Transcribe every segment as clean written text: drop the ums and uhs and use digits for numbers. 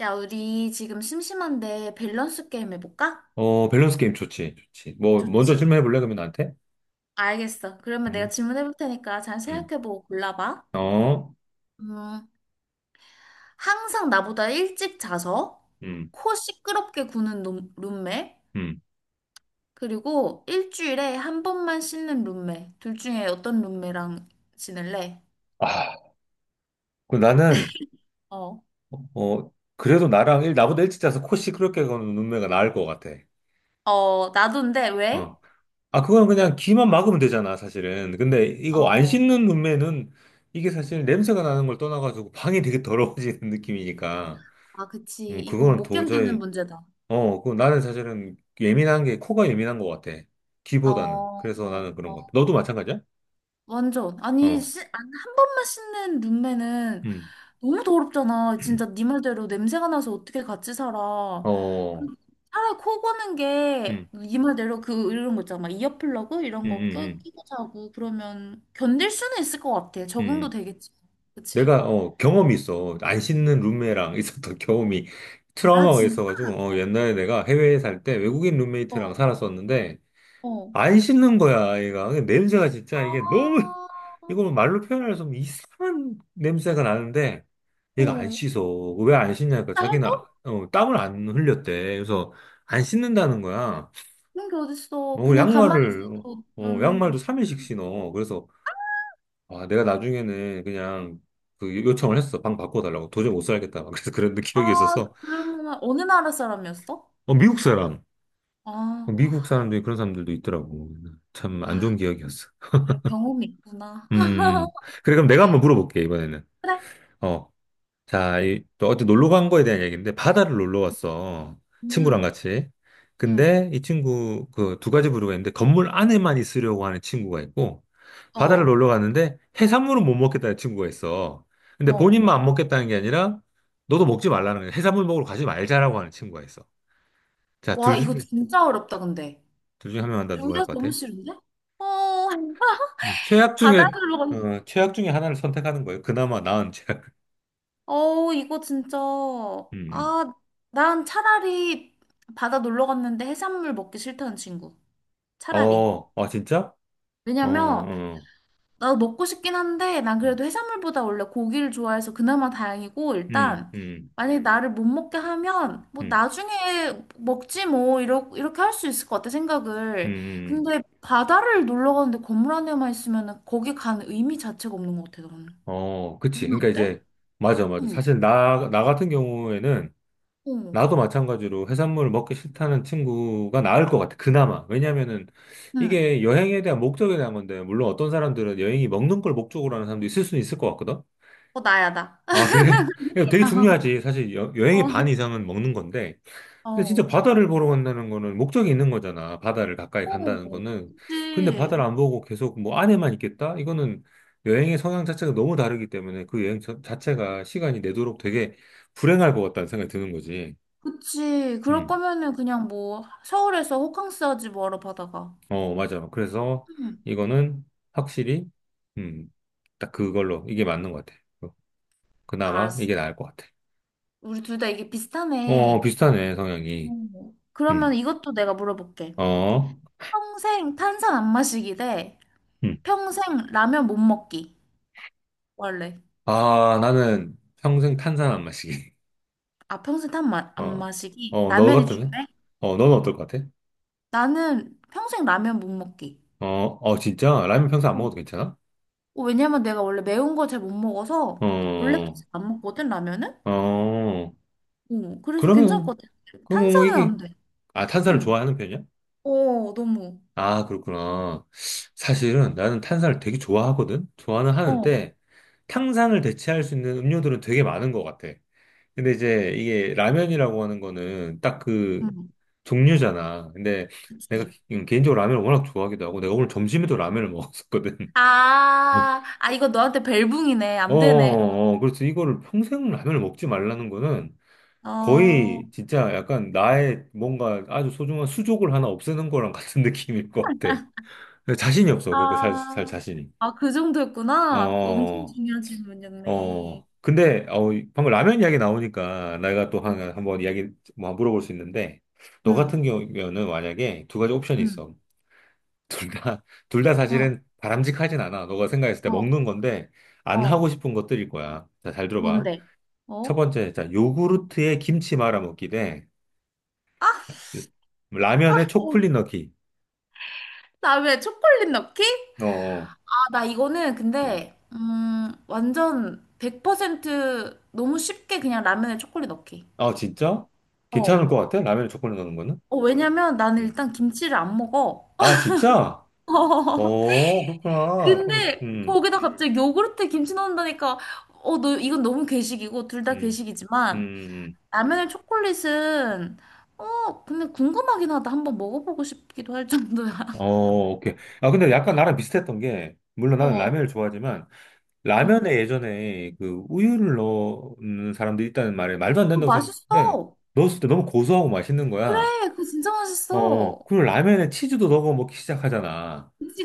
야, 우리 지금 심심한데 밸런스 게임 해볼까? 어, 밸런스 게임 좋지, 좋지. 뭐, 먼저 좋지. 질문해 볼래, 그러면 나한테? 알겠어. 그러면 내가 음, 질문해볼 테니까 잘 음. 생각해보고 골라봐. 어, 음, 항상 나보다 일찍 자서 음, 코 시끄럽게 구는 룸메, 음. 그리고 일주일에 한 번만 씻는 룸메. 둘 중에 어떤 룸메랑 지낼래? 아, 그 나는, 어. 어, 그래도 나보다 일찍 자서 코 시끄럽게 거는 눈매가 나을 것 같아. 어, 나도인데, 왜? 어. 아, 그건 그냥 귀만 막으면 되잖아, 사실은. 근데 어. 이거 안 어. 씻는 눈매는 이게 사실 냄새가 나는 걸 떠나가지고 방이 되게 더러워지는 느낌이니까. 아, 그치. 이건 그거는 못 견디는 도저히, 문제다. 어, 그 나는 사실은 예민한 게, 코가 예민한 것 같아. 어, 귀보다는. 그래서 어, 나는 그런 것 같아. 어. 너도 마찬가지야? 완전. 아니, 어. 한 번만 씻는 룸메는 음, 너무 더럽잖아. 진짜 네 말대로 냄새가 나서 어떻게 같이 살아. 어, 그리고 차라리 코 고는 게, 음, 네 말대로 그, 이런 거 있잖아. 막 이어플러그? 음, 이런 거 음, 끼고 자고 그러면 견딜 수는 있을 것 같아. 음, 적응도 음. 되겠지. 그치? 내가 경험이 있어. 안 씻는 룸메랑 있었던 경험이 아, 트라우마가 진짜? 있어가지고 옛날에 내가 해외에 살 때 외국인 룸메이트랑 어, 살았었는데 어. 안 씻는 거야 얘가. 근데 냄새가 진짜 이게 너무 아, 이거 말로 표현할 수 없는 이상한 냄새가 나는데 얘가 안 어. 씻어. 왜 안 씻냐니까 진짜 자기는 해도? 땀을 안 흘렸대. 그래서 안 씻는다는 거야. 그런 게 어딨어. 어, 그냥 가만히 양말을 있어도 되는 양말도 건데. 3일씩 신어. 그래서 아, 내가 나중에는 그냥 그 요청을 했어. 방 바꿔달라고. 도저히 못 살겠다. 막 그래서 그런 아, 기억이 있어서. 그러면 어느 나라 사람이었어? 어, 미국 사람. 어, 미국 아, 사람들이 그런 사람들도 있더라고. 참 안 좋은 아, 기억이었어. 그래, 경험이 있구나. 음. 그래, 그럼 내가 한번 물어볼게, 이번에는. 그래? 어. 자, 또 어디 놀러 간 거에 대한 얘기인데 바다를 놀러 왔어. 친구랑 응, 같이. 응, 근데 이 친구 그 두 가지 부류가 있는데, 건물 안에만 있으려고 하는 친구가 있고 바다를 어, 놀러 갔는데 해산물은 못 먹겠다는 친구가 있어. 근데 어. 본인만 안 먹겠다는 게 아니라 너도 먹지 말라는 거야. 해산물 먹으러 가지 말자라고 하는 친구가 있어. 자, 둘 와, 이거 중에 진짜 어렵다, 근데. 둘 중에 한 명 한다, 누구 할 둘다 것 너무 같아? 싫은데? 어, 음, 최악 중에 바다로 건, 최악 중에 하나를 선택하는 거예요. 그나마 나은 최악. 어, 이거 진짜. 음. 아, 난 차라리 바다 놀러 갔는데 해산물 먹기 싫다는 친구. 음. 차라리. 어, 아 진짜? 어, 왜냐면, 어. 나도 먹고 싶긴 한데, 난 그래도 해산물보다 원래 고기를 좋아해서 그나마 다행이고, 음, 일단, 음, 만약에 나를 못 먹게 하면, 뭐, 음, 나중에 먹지 뭐, 이렇게 할 수 있을 것 같아, 생각을. 음, 근데 바다를 놀러 가는데 건물 안에만 있으면 거기 간 의미 자체가 없는 것 같아, 나는. 어, 그치. 그러니까 어때? 이제, 맞아, 맞아. 응, 사실 나 같은 경우에는, 응, 나도 마찬가지로 해산물을 먹기 싫다는 친구가 나을 것 같아. 그나마. 왜냐면은, 응. 이게 여행에 대한 목적에 대한 건데, 물론 어떤 사람들은 여행이 먹는 걸 목적으로 하는 사람도 있을 수는 있을 것 같거든? 어, 나야, 나. 아, 그래? 이거 되게 중요하지. 사실 여, 여행의 반 어, 이상은 먹는 건데, 근데 진짜 어. 바다를 보러 간다는 거는 목적이 있는 거잖아. 바다를 가까이 어. 간다는 거는. 근데 바다를 그치, 안 보고 계속 뭐 안에만 있겠다? 이거는 여행의 성향 자체가 너무 다르기 때문에 그 여행 자체가 시간이 내도록 되게 불행할 것 같다는 생각이 드는 거지. 그치. 그럴 음. 거면은 그냥 뭐, 서울에서 호캉스 하지 뭐하러 바다가. 어, 맞아. 그래서 응. 이거는 확실히, 음, 딱 그걸로 이게 맞는 것 같아. 어, 그나마 알았어. 이게 나을 것 같아. 우리 둘 다 이게 어, 비슷하네. 비슷하네, 성향이. 음. 그러면 음, 이것도 내가 물어볼게. 어, 평생 탄산 안 마시기 대 음. 평생 라면 못 먹기. 원래. 아, 나는 평생 탄산 안 마시기. 아, 평생 안 어, 마시기. 어, 너 라면이 같으면? 중요해? 어, 너는 어떨 것 같아? 나는 평생 라면 못 먹기. 어, 어, 진짜? 라면 평소 안 먹어도 음. 괜찮아? 어, 어, 왜냐면 내가 원래 매운 거 잘 못 먹어서 원래도 어, 잘 안 먹거든, 라면은? 어, 어, 그래서 괜찮을 그러면, 것 같아. 그럼 뭐 탄산은 이게, 안 돼. 아, 탄산을 응. 좋아하는 편이야? 어, 너무. 아, 그렇구나. 사실은 나는 탄산을 되게 좋아하거든? 좋아는 어, 하는데, 탕산을 대체할 수 있는 음료들은 되게 많은 것 같아. 근데 이제 이게 라면이라고 하는 거는 딱 그 응. 종류잖아. 근데 내가 그치. 개인적으로 라면을 워낙 좋아하기도 하고, 내가 오늘 점심에도 라면을 먹었었거든. 어, 아, 아, 이거 너한테 벨붕이네. 어, 안 되네. 그럼. 어, 그래서 이거를 평생 라면을 먹지 말라는 거는 어, 거의 진짜 약간 나의 뭔가 아주 소중한 수족을 하나 없애는 거랑 같은 느낌일 것 같아. 자신이 없어, 그렇게 살 아, 자신이. 아, 그 어, 정도였구나. 엄청 어. 중요한 질문이었네. 어. 근데, 방금 라면 이야기 나오니까 내가 또 하나 한번 이야기 뭐 물어볼 수 있는데, 너 응, 같은 경우에는 만약에 두 가지 옵션이 응, 있어. 둘 다, 둘 다 어, 사실은 바람직하진 않아. 너가 생각했을 때 어, 먹는 건데, 안 어. 하고 싶은 것들일 거야. 자, 잘 들어봐. 뭔데? 첫 어? 번째, 자 요구르트에 김치 말아 먹기 대 아, 라면에 어, 초콜릿 넣기. 나왜 초콜릿 넣기? 어, 어, 아, 나 이거는 음. 근데, 완전 100% 너무 쉽게 그냥 라면에 초콜릿 넣기. 아, 진짜? 괜찮을 어. 것 같아? 라면에 초콜릿 넣는 거는? 어, 왜냐면 나는 음. 일단 김치를 안 먹어. 아, 진짜? 어, 그렇구나. 그럼, 근데 거기다 갑자기 요구르트에 김치 넣는다니까 어 너 이건 너무 괴식이고 둘 다 음, 음, 괴식이지만 음. 라면에 초콜릿은 어 근데 궁금하긴 하다 한번 먹어보고 싶기도 할 정도야 어, 오케이. 아, 근데 약간 나랑 비슷했던 게, 물론 나는 어 라면을 좋아하지만, 라면에 응. 예전에 그 우유를 넣는 사람들이 있다는 말에 말도 안 어, 된다고 생각했는데, 맛있어. 넣었을 때 너무 고소하고 맛있는 거야. 그래 그거 진짜 어, 어. 맛있어. 그리고 라면에 치즈도 넣어 먹기 시작하잖아. 그치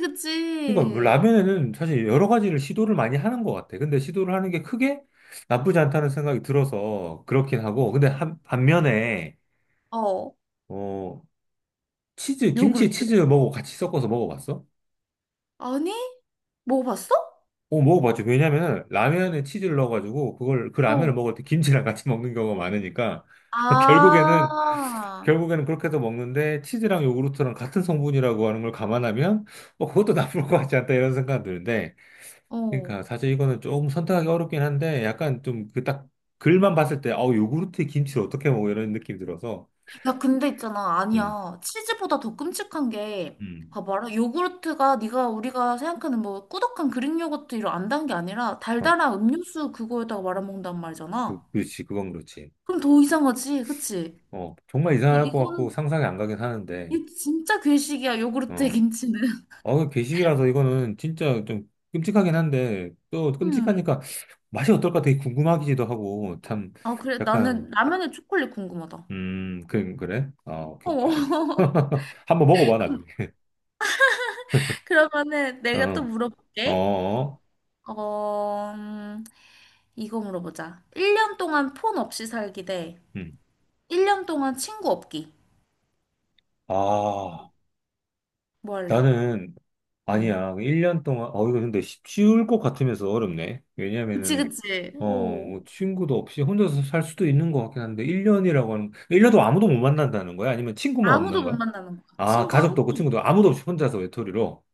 그러니까 뭐 그치. 라면에는 사실 여러 가지를 시도를 많이 하는 것 같아. 근데 시도를 하는 게 크게 나쁘지 않다는 생각이 들어서 그렇긴 하고. 근데 반면에, 어 어, 김치에 요구르트 치즈 먹고 같이 섞어서 먹어봤어? 아니 먹어봤어? 어, 먹어봤지. 왜냐면은 라면에 치즈를 넣어가지고 그 라면을 어. 먹을 때 김치랑 같이 먹는 경우가 많으니까. 결국에는, 아, 그렇게 해서 먹는데, 치즈랑 요구르트랑 같은 성분이라고 하는 걸 감안하면 뭐 그것도 나쁠 것 같지 않다 이런 생각이 드는데, 어. 그러니까 사실 이거는 조금 선택하기 어렵긴 한데 약간 좀 그 딱 글만 봤을 때 아우 요구르트에 김치를 어떻게 먹어 이런 느낌이 들어서. 야, 근데 있잖아. 음, 아니야. 치즈보다 더 끔찍한 게, 음. 봐봐라. 요구르트가 네가 우리가 생각하는 뭐 꾸덕한 그릭 요거트 이런 안 단 게 아니라 어, 달달한 음료수 그거에다가 말아먹는단 그, 말이잖아. 그렇지 그건 그렇지. 그럼 더 이상하지, 그치? 어 정말 이상할 것 같고 이건, 상상이 안 가긴 하는데. 이 진짜 괴식이야, 요구르트에 어, 김치는. 어 괴식이라서 이거는 진짜 좀 끔찍하긴 한데 또 음. 끔찍하니까 맛이 어떨까 되게 궁금하기도 하고 참 아, 그래. 약간. 나는 라면에 초콜릿 궁금하다. 그래 아 오케이, 오케이 알겠어. 어. 한번 먹어봐 나중에. 그러면은 내가 또 어 물어볼게. 어, 어, 이거 물어보자. 1년 동안 폰 없이 살기 대 음. 1년 동안 친구 없기. 아 뭐 할래? 나는 응. 아니야. 1년 동안, 이거 근데 쉬울 것 같으면서 어렵네. 그치, 왜냐면은 그치. 어. 어뭐 친구도 없이 혼자서 살 수도 있는 것 같긴 한데, 1년이라고 하는 1년도 아무도 못 만난다는 거야? 아니면 친구만 아무도 없는 못 거야? 만나는 거야. 아, 친구 가족도 아무도. 없고 친구도 아무도 없이 혼자서 외톨이로.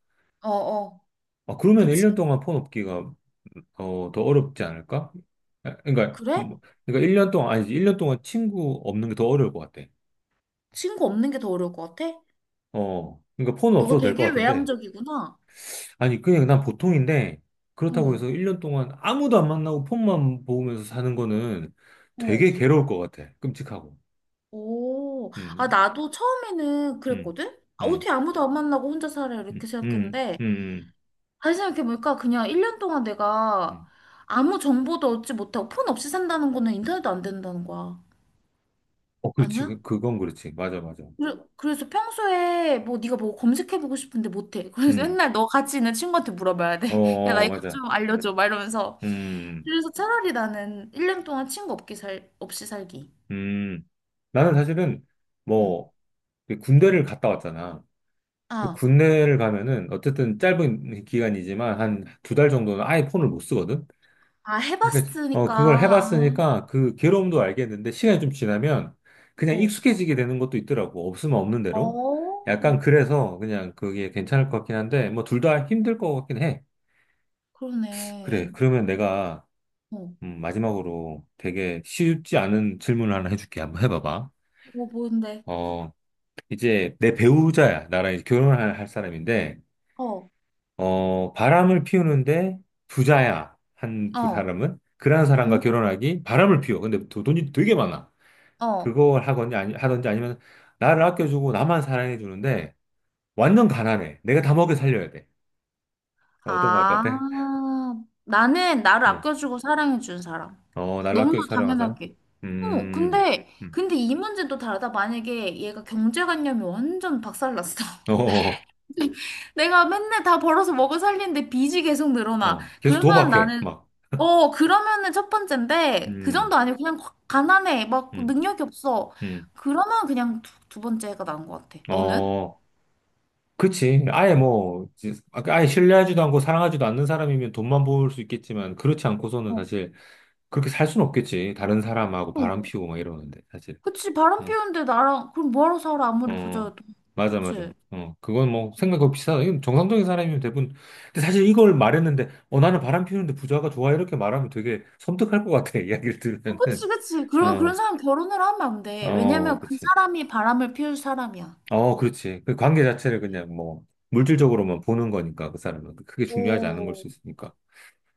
어, 어. 아, 그러면 1년 그치. 동안 폰 없기가 어, 더 어렵지 않을까? 아, 그러니까 그래? 뭐, 그러니까 1년 동안 아니지. 1년 동안 친구 없는 게 더 어려울 것 같아. 친구 없는 게 더 어려울 것 같아? 어. 그러니까 폰은 너가 없어도 될 것 되게 같은데. 외향적이구나. 아니, 그냥 난 보통인데, 그렇다고 해서 어, 1년 동안 아무도 안 만나고 폰만 보면서 사는 거는 되게 어. 괴로울 것 같아. 끔찍하고. 오. 아, 음, 나도 처음에는 음, 그랬거든? 아, 음, 어떻게 아무도 안 만나고 혼자 살아? 음, 이렇게 음, 음, 생각했는데, 음. 다시 생각해보니까 그냥 1년 동안 내가 음. 아무 정보도 얻지 못하고 폰 없이 산다는 거는 인터넷도 안 된다는 거야. 어, 그렇지. 아니야? 그건 그렇지. 맞아, 맞아. 그래서 평소에 뭐 네가 뭐 검색해보고 싶은데 못해. 그래서 음, 맨날 너 같이 있는 친구한테 물어봐야 돼. 어, 야, 나 어, 이것 맞아. 좀 알려줘. 막 이러면서. 음, 그래서 차라리 나는 1년 동안 친구 없기 살, 없이 살기. 음. 나는 사실은 응. 뭐, 그 군대를 갔다 왔잖아. 그 아, 군대를 가면은 어쨌든 짧은 기간이지만 한 두 달 정도는 아예 폰을 못 쓰거든? 아, 그러니까 해봤으니까. 그걸 아, 해봤으니까 그 괴로움도 알겠는데, 시간이 좀 지나면 그냥 어. 익숙해지게 되는 것도 있더라고. 없으면 없는 대로, 어, 약간 그래서 그냥 그게 괜찮을 것 같긴 한데 뭐 둘 다 힘들 것 같긴 해. 그래 그러네. 그러면 내가, 어. 마지막으로 되게 쉽지 않은 질문을 하나 해줄게. 한번 해봐봐. 뭔데? 어, 이제 내 배우자야. 나랑 이제 결혼을 할 사람인데, 어. 어 바람을 피우는데 부자야. 어. 사람은 그러한 사람과 응? 결혼하기. 바람을 피워 근데 돈이 되게 많아. 어. 그걸 하건지 아니 하든지, 아니면 나를 아껴주고 나만 사랑해 주는데 완전 가난해. 내가 다 먹여 살려야 돼. 어떤 거 할 것 아. 같아? 나는 나를 응. 아껴주고 사랑해준 사람. 어, 나를 너무 아껴주고 사랑하는 사람? 당연하게. 어, 음. 음. 근데 이 문제는 또 다르다. 만약에 얘가 경제관념이 완전 박살났어. 어. 어. 내가 맨날 다 벌어서 먹어 살리는데 빚이 계속 어. 늘어나. 어. 계속 그러면 도박해. 나는, 막. 어, 그러면은 첫 번째인데, 그 음. 정도 아니고 그냥 확 가난해. 막 음. 능력이 없어. 음. 그러면 그냥 두 번째가 나은 것 같아. 너는? 어. 그치. 아예 뭐 아예 신뢰하지도 않고 사랑하지도 않는 사람이면 돈만 벌 수 있겠지만, 그렇지 않고서는 어. 사실 그렇게 살 수는 없겠지. 다른 사람하고 바람 어. 피우고 막 이러는데 사실. 그치, 바람 응. 피우는데 나랑, 그럼 뭐하러 살아? 아무리 어, 부자여도. 맞아, 맞아. 그치? 어, 그건 뭐, 생각 없이 이건 정상적인 사람이면 대부분. 근데 사실 이걸 말했는데, 어, 나는 바람 피우는데 부자가 좋아. 이렇게 말하면 되게 섬뜩할 것 같아. 이야기를 어, 그치, 들으면은. 그치. 그럼 그런 어, 사람 결혼을 하면 안 돼. 어, 왜냐면 그 그치. 사람이 바람을 피울 사람이야. 어, 그렇지. 그 관계 자체를 그냥 뭐, 물질적으로만 보는 거니까, 그 사람은. 그게 중요하지 않은 걸 오, 수 있으니까.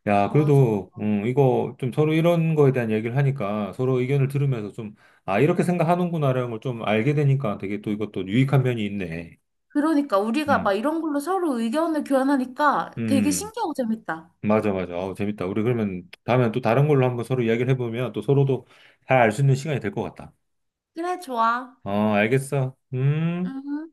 야, 맞아. 그래도, 이거 좀 서로 이런 거에 대한 얘기를 하니까, 서로 의견을 들으면서 좀, 아, 이렇게 생각하는구나라는 걸 좀 알게 되니까 되게 또 이것도 유익한 면이 있네. 그러니까 우리가 막 음. 이런 걸로 서로 의견을 교환하니까 되게 음. 신기하고 재밌다. 맞아, 맞아. 아우, 재밌다. 우리 그러면 다음에 또 다른 걸로 한번 서로 이야기를 해보면 또 서로도 잘 알 수 있는 시간이 될 것 같다. 그래, 좋아. 어, 알겠어. 음. 음.